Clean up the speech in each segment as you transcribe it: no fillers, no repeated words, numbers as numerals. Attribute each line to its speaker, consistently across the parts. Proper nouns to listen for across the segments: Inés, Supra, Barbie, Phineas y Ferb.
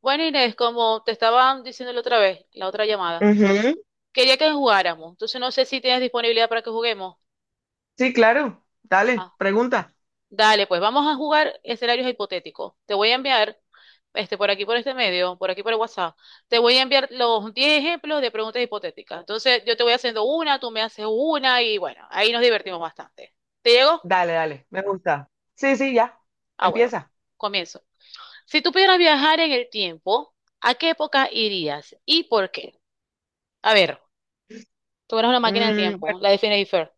Speaker 1: Bueno, Inés, como te estaba diciendo la otra vez, la otra llamada,
Speaker 2: Ujú.
Speaker 1: quería que jugáramos. Entonces no sé si tienes disponibilidad para que juguemos.
Speaker 2: Sí, claro. Dale,
Speaker 1: Ah,
Speaker 2: pregunta.
Speaker 1: dale, pues vamos a jugar escenarios hipotéticos. Te voy a enviar, por aquí, por este medio, por aquí, por el WhatsApp, te voy a enviar los 10 ejemplos de preguntas hipotéticas. Entonces yo te voy haciendo una, tú me haces una y bueno, ahí nos divertimos bastante. ¿Te llegó?
Speaker 2: Dale, dale, me gusta. Sí, sí, ya.
Speaker 1: Ah, bueno,
Speaker 2: Empieza.
Speaker 1: comienzo. Si tú pudieras viajar en el tiempo, ¿a qué época irías y por qué? A ver, tú eres una máquina del tiempo,
Speaker 2: Bueno,
Speaker 1: la de Phineas y Ferb.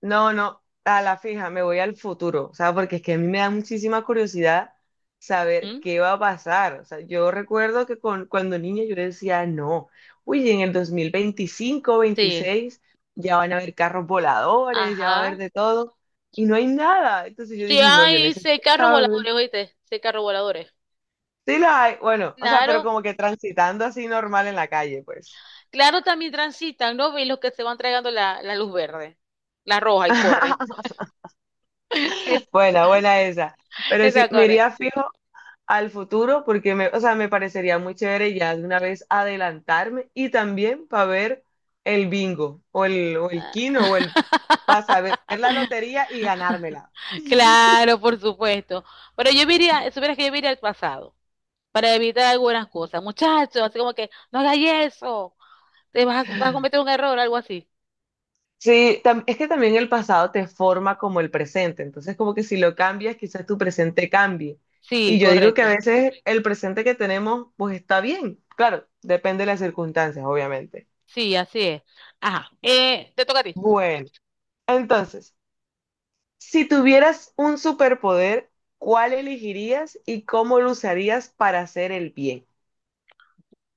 Speaker 2: no, no, a la fija, me voy al futuro, o sea, porque es que a mí me da muchísima curiosidad saber
Speaker 1: ¿Mm?
Speaker 2: qué va a pasar. O sea, yo recuerdo que cuando niña yo decía, no, uy, en el 2025,
Speaker 1: Sí,
Speaker 2: 26, ya van a haber carros voladores, ya va a haber
Speaker 1: ajá.
Speaker 2: de todo, y no hay nada. Entonces yo
Speaker 1: Sí,
Speaker 2: dije, no, yo
Speaker 1: hay seis
Speaker 2: necesito
Speaker 1: carros voladores,
Speaker 2: saber.
Speaker 1: oíste, seis carros voladores.
Speaker 2: Sí la hay, bueno, o sea, pero
Speaker 1: Claro,
Speaker 2: como que transitando así normal en la calle, pues.
Speaker 1: claro, también transitan, ¿no? Y los que se van tragando la luz verde, la roja y corre.
Speaker 2: Buena, buena esa. Pero
Speaker 1: Esa
Speaker 2: sí, me
Speaker 1: corre.
Speaker 2: iría fijo al futuro porque o sea, me parecería muy chévere ya de una vez adelantarme y también para ver el bingo o el quino para saber la lotería y ganármela.
Speaker 1: Claro, por supuesto. Pero yo iría, supieras que yo iría al pasado para evitar algunas cosas. Muchachos, así como que, no hagas eso, te vas a, vas a cometer un error, algo así.
Speaker 2: Sí, es que también el pasado te forma como el presente, entonces como que si lo cambias, quizás tu presente cambie.
Speaker 1: Sí,
Speaker 2: Y yo digo que a
Speaker 1: correcto.
Speaker 2: veces el presente que tenemos, pues está bien, claro, depende de las circunstancias, obviamente.
Speaker 1: Sí, así es. Ajá. Te toca a ti.
Speaker 2: Bueno, entonces, si tuvieras un superpoder, ¿cuál elegirías y cómo lo usarías para hacer el bien?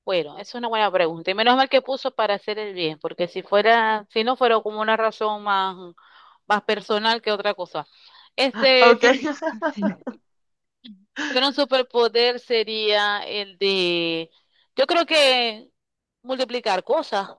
Speaker 1: Bueno, es una buena pregunta. Y menos mal que puso para hacer el bien, porque si fuera, si no fuera como una razón más, más personal que otra cosa.
Speaker 2: Ok.
Speaker 1: Si si tuviera un superpoder sería el de, yo creo que multiplicar cosas,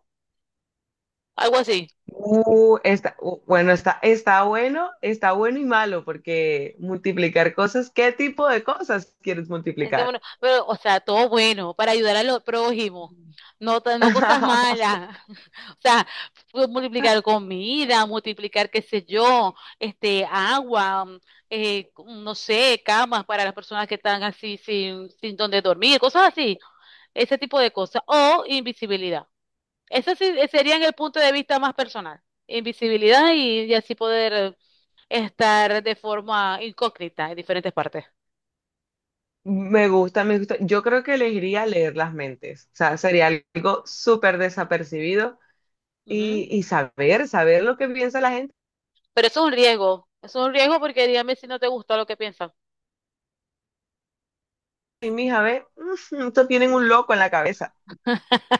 Speaker 1: algo así.
Speaker 2: Está, bueno, está bueno, está bueno y malo, porque multiplicar cosas, ¿qué tipo de cosas quieres
Speaker 1: Es que
Speaker 2: multiplicar?
Speaker 1: bueno, pero, o sea, todo bueno, para ayudar a los prójimos, no, no cosas malas. O sea, multiplicar comida, multiplicar, qué sé yo, agua, no sé, camas para las personas que están así sin donde dormir, cosas así, ese tipo de cosas. O invisibilidad. Eso sí sería en el punto de vista más personal. Invisibilidad y así poder estar de forma incógnita en diferentes partes.
Speaker 2: Me gusta, me gusta. Yo creo que elegiría leer las mentes. O sea, sería algo súper desapercibido y saber lo que piensa la gente.
Speaker 1: Pero eso es un riesgo. Eso es un riesgo porque dígame si no te gusta lo que piensas.
Speaker 2: Y mija, ve, estos tienen un loco en la cabeza.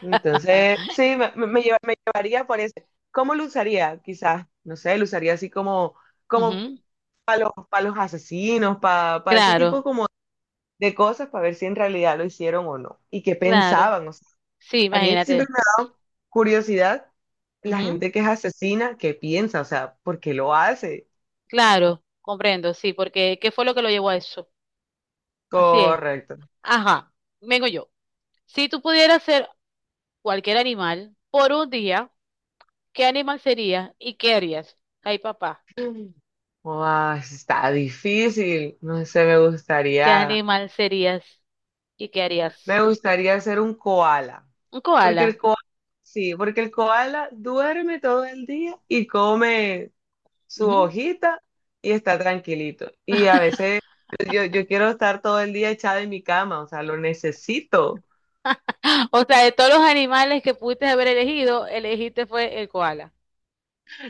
Speaker 2: Entonces, sí, me llevaría por ese. ¿Cómo lo usaría? Quizás, no sé, lo usaría así como
Speaker 1: Ujú.
Speaker 2: para pa' los asesinos, para ese tipo
Speaker 1: Claro,
Speaker 2: como de cosas, para ver si en realidad lo hicieron o no. Y qué
Speaker 1: claro.
Speaker 2: pensaban, o
Speaker 1: Sí,
Speaker 2: A mí siempre
Speaker 1: imagínate.
Speaker 2: me ha dado curiosidad la
Speaker 1: Ujú.
Speaker 2: gente que es asesina, que piensa, o sea, ¿por qué lo hace?
Speaker 1: Claro, comprendo, sí, porque ¿qué fue lo que lo llevó a eso? Así es.
Speaker 2: Correcto.
Speaker 1: Ajá, vengo yo. Si tú pudieras ser cualquier animal por un día, ¿qué animal serías y qué harías? Ay, papá,
Speaker 2: Mm. Guau, está difícil. No sé, me
Speaker 1: ¿qué
Speaker 2: gustaría,
Speaker 1: animal serías y qué harías?
Speaker 2: me gustaría ser un koala,
Speaker 1: Un
Speaker 2: porque el
Speaker 1: koala.
Speaker 2: koala, sí, porque el koala duerme todo el día y come su hojita y está tranquilito. Y a veces yo quiero estar todo el día echada en mi cama, o sea, lo necesito.
Speaker 1: O sea, de todos los animales que pudiste haber elegido, elegiste fue el koala.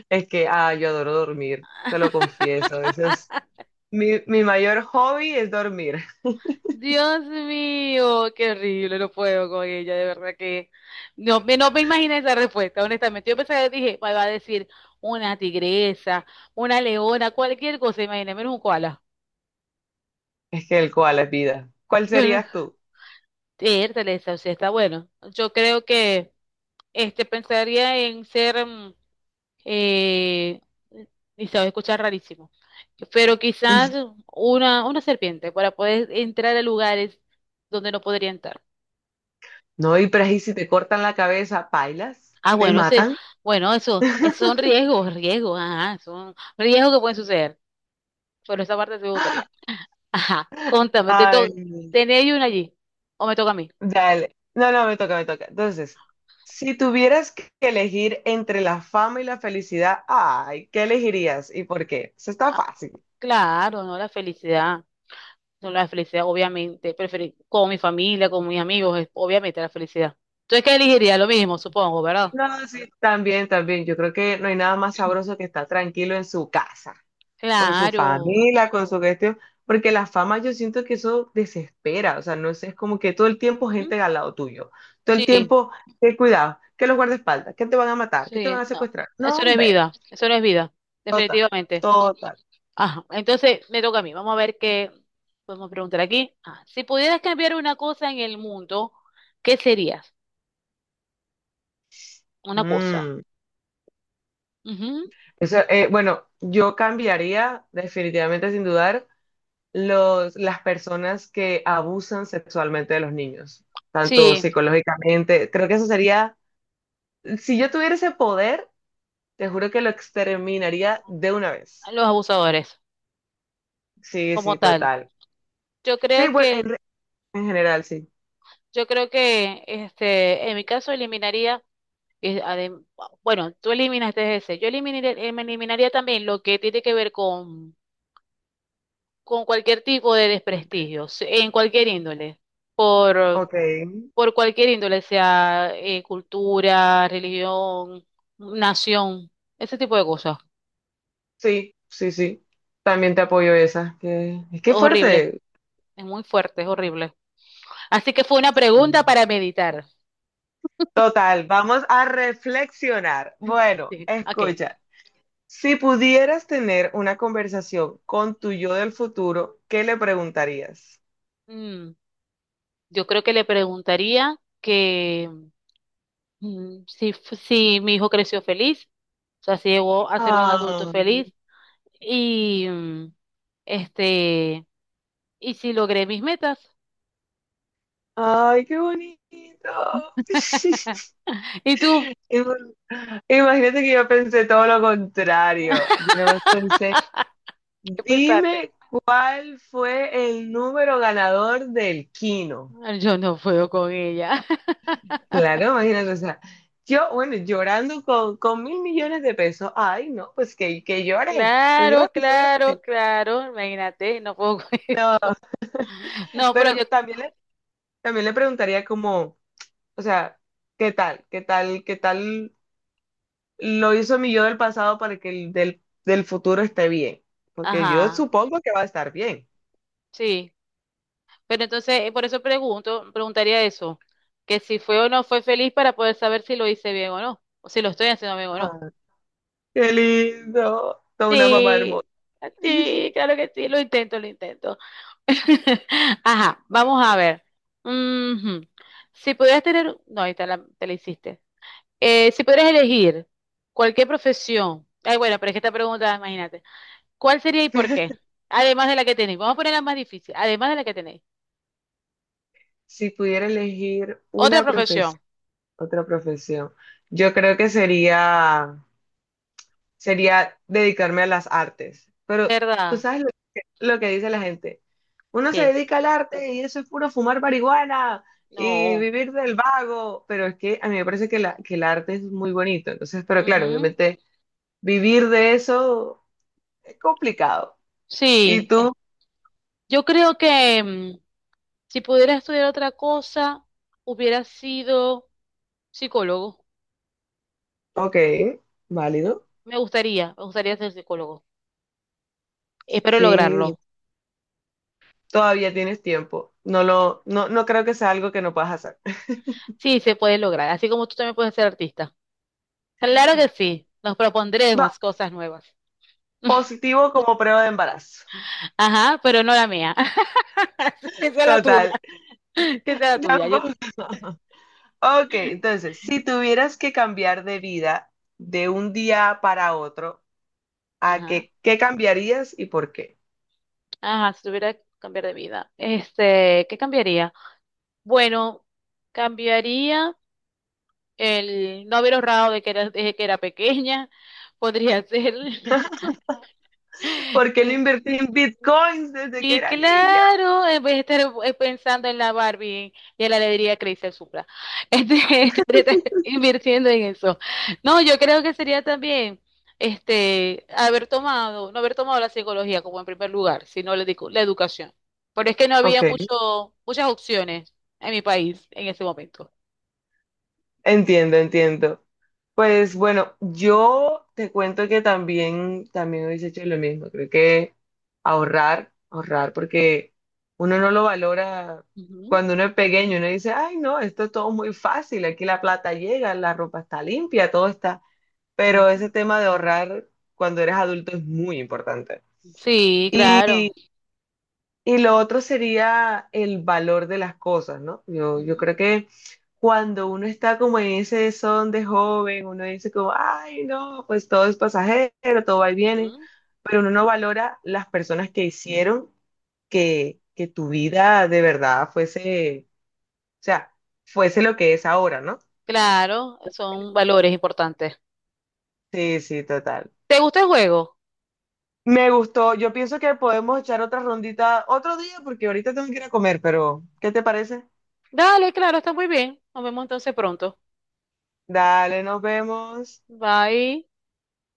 Speaker 2: Es que, yo adoro dormir, te lo confieso. Ese es mi mayor hobby es dormir.
Speaker 1: Dios mío, qué horrible, no puedo con ella, de verdad que no, no me imaginé esa respuesta, honestamente. Yo pensé, dije, va a decir una tigresa, una leona, cualquier cosa, imagínate, menos un koala.
Speaker 2: Es que el cual es vida. ¿Cuál
Speaker 1: Yo no,
Speaker 2: serías tú?
Speaker 1: Értale, esa, o sea, está bueno. Yo creo que pensaría en ser, eh, y se va a escuchar rarísimo. Pero quizás una serpiente para poder entrar a lugares donde no podría entrar.
Speaker 2: No, y pero ahí si te cortan la cabeza, ¿pailas?
Speaker 1: Ah,
Speaker 2: ¿Te
Speaker 1: bueno, ese,
Speaker 2: matan?
Speaker 1: bueno, eso, esos son riesgos, riesgos, ajá, son riesgos que pueden suceder. Pero esa parte sí me gustaría. Ajá, contame, te to
Speaker 2: Ay,
Speaker 1: ¿tenéis una allí? ¿O me toca a mí?
Speaker 2: dale. No, no, me toca, me toca. Entonces, si tuvieras que elegir entre la fama y la felicidad, ay, ¿qué elegirías y por qué? Eso está
Speaker 1: Ah,
Speaker 2: fácil.
Speaker 1: claro, no la felicidad. No la felicidad, obviamente. Preferir con mi familia, con mis amigos, obviamente la felicidad. Entonces, ¿qué elegiría? Lo mismo, supongo, ¿verdad?
Speaker 2: No, sí, también, también. Yo creo que no hay nada más sabroso que estar tranquilo en su casa, con su
Speaker 1: Claro.
Speaker 2: familia, con su gestión, porque la fama yo siento que eso desespera, o sea, no es, es como que todo el tiempo
Speaker 1: ¿Mm?
Speaker 2: gente al lado tuyo, todo el
Speaker 1: Sí,
Speaker 2: tiempo, que cuidado, que los guardaespaldas, que te van a matar, que te van
Speaker 1: sí,
Speaker 2: a
Speaker 1: no.
Speaker 2: secuestrar.
Speaker 1: Eso
Speaker 2: No,
Speaker 1: no es
Speaker 2: hombre,
Speaker 1: vida, eso no es vida, definitivamente.
Speaker 2: total.
Speaker 1: Ajá, entonces me toca a mí. Vamos a ver qué podemos preguntar aquí. Ah, si pudieras cambiar una cosa en el mundo, ¿qué serías? Una cosa.
Speaker 2: Mm.
Speaker 1: Ujú.
Speaker 2: Eso, bueno, yo cambiaría definitivamente sin dudar las personas que abusan sexualmente de los niños, tanto
Speaker 1: Sí,
Speaker 2: psicológicamente. Creo que eso sería, si yo tuviera ese poder, te juro que lo exterminaría de una vez.
Speaker 1: los abusadores,
Speaker 2: Sí,
Speaker 1: como
Speaker 2: sí,
Speaker 1: tal.
Speaker 2: total.
Speaker 1: Yo
Speaker 2: Sí,
Speaker 1: creo
Speaker 2: bueno,
Speaker 1: que,
Speaker 2: en general, sí.
Speaker 1: yo creo que, en mi caso eliminaría, eh, adem- bueno, tú eliminaste ese. Yo eliminaría, también lo que tiene que ver con cualquier tipo de desprestigio, en cualquier índole, por,
Speaker 2: Ok,
Speaker 1: por cualquier índole, sea cultura, religión, nación, ese tipo de cosas.
Speaker 2: sí, sí, sí. También te apoyo esa. Es que
Speaker 1: Horrible,
Speaker 2: fuerte.
Speaker 1: es muy fuerte, es horrible. Así que fue una pregunta para meditar.
Speaker 2: Total, vamos a reflexionar. Bueno,
Speaker 1: Sí, ok.
Speaker 2: escucha. Si pudieras tener una conversación con tu yo del futuro, ¿qué le preguntarías?
Speaker 1: Mm, yo creo que le preguntaría que si mi hijo creció feliz, o sea, si llegó a ser un adulto
Speaker 2: Ah,
Speaker 1: feliz y este ¿Y si logré mis metas?
Speaker 2: ay, qué bonito.
Speaker 1: ¿Y tú?
Speaker 2: Ima- Imagínate que yo pensé todo lo contrario. Yo nomás pensé,
Speaker 1: ¿Qué pensaste?
Speaker 2: dime cuál fue el número ganador del Kino.
Speaker 1: Ah, yo no puedo con ella.
Speaker 2: Claro, imagínate, o sea, bueno, llorando con mil millones de pesos. Ay, no, pues que llore, que llore,
Speaker 1: Claro,
Speaker 2: que
Speaker 1: claro,
Speaker 2: suerte.
Speaker 1: claro. Imagínate, no puedo con
Speaker 2: No,
Speaker 1: eso. No, pero
Speaker 2: pero
Speaker 1: yo,
Speaker 2: también le preguntaría como, o sea, ¿Qué tal lo hizo mi yo del pasado para que el del futuro esté bien? Porque yo
Speaker 1: ajá,
Speaker 2: supongo que va a estar bien.
Speaker 1: sí. Pero entonces, por eso pregunto, preguntaría eso, que si fue o no fue feliz para poder saber si lo hice bien o no, o si lo estoy haciendo bien o no.
Speaker 2: Ah, qué lindo. Toda una mamá hermosa.
Speaker 1: Sí, sí, claro que sí, lo intento, lo intento. Ajá, vamos a ver. Ujú. Si pudieras tener, no, ahí está la, te la hiciste. Si pudieras elegir cualquier profesión, ay, bueno, pero es que esta pregunta, imagínate, ¿cuál sería y por qué? Además de la que tenéis, vamos a poner la más difícil, además de la que tenéis.
Speaker 2: Si pudiera elegir
Speaker 1: Otra profesión,
Speaker 2: otra profesión, yo creo que sería dedicarme a las artes. Pero tú
Speaker 1: ¿verdad?
Speaker 2: sabes lo que dice la gente. Uno se
Speaker 1: Sí.
Speaker 2: dedica al arte y eso es puro fumar marihuana y
Speaker 1: No.
Speaker 2: vivir del vago. Pero es que a mí me parece que el arte es muy bonito. Entonces, pero claro,
Speaker 1: Ujú.
Speaker 2: obviamente vivir de eso es complicado. Y
Speaker 1: Sí.
Speaker 2: tú,
Speaker 1: Yo creo que si pudiera estudiar otra cosa, hubiera sido psicólogo.
Speaker 2: ok,
Speaker 1: Eh,
Speaker 2: válido.
Speaker 1: Me gustaría, ser psicólogo. Espero
Speaker 2: Sí,
Speaker 1: lograrlo.
Speaker 2: todavía tienes tiempo. No lo, no, no creo que sea algo que no puedas hacer.
Speaker 1: Sí, se puede lograr, así como tú también puedes ser artista. Claro que sí, nos
Speaker 2: Va,
Speaker 1: propondremos cosas nuevas.
Speaker 2: positivo como prueba de embarazo.
Speaker 1: Ajá, pero no la mía. Que sea la tuya,
Speaker 2: Total,
Speaker 1: que sea la tuya. Yo,
Speaker 2: tampoco. Ok, entonces, si tuvieras que cambiar de vida de un día para otro,
Speaker 1: ajá,
Speaker 2: qué cambiarías y por qué?
Speaker 1: ajá, si tuviera que cambiar de vida. Este, ¿qué cambiaría? Bueno, cambiaría el no haber ahorrado de que era, desde que era pequeña. Podría ser.
Speaker 2: ¿Por qué no invertí en bitcoins desde que
Speaker 1: Sí,
Speaker 2: era niña?
Speaker 1: claro, en vez de estar pensando en la Barbie y en la alegría que le hice el Supra. Este, de estar invirtiendo en eso. No, yo creo que sería también haber tomado, no haber tomado la psicología como en primer lugar, sino la educación. Pero es que no
Speaker 2: Ok,
Speaker 1: había muchas opciones en mi país en ese momento.
Speaker 2: entiendo, entiendo. Pues bueno, yo te cuento que también, también hubiese hecho lo mismo. Creo que ahorrar, ahorrar, porque uno no lo valora
Speaker 1: Ujú,
Speaker 2: cuando uno es pequeño. Uno dice, ay, no, esto es todo muy fácil. Aquí la plata llega, la ropa está limpia, todo está. Pero
Speaker 1: ujú.
Speaker 2: ese tema de ahorrar cuando eres adulto es muy importante.
Speaker 1: Sí, claro.
Speaker 2: Y lo otro sería el valor de las cosas, ¿no? Yo
Speaker 1: Ujú,
Speaker 2: creo que cuando uno está como en ese son de joven, uno dice como, ay, no, pues todo es pasajero, todo va y viene,
Speaker 1: ujú.
Speaker 2: pero uno no valora las personas que hicieron que tu vida de verdad o sea, fuese lo que es ahora, ¿no?
Speaker 1: Claro, son valores importantes.
Speaker 2: Sí, sí, total.
Speaker 1: ¿Te gusta el juego?
Speaker 2: Me gustó. Yo pienso que podemos echar otra rondita otro día porque ahorita tengo que ir a comer, pero ¿qué te parece?
Speaker 1: Dale, claro, está muy bien. Nos vemos entonces pronto.
Speaker 2: Dale, nos vemos.
Speaker 1: Bye.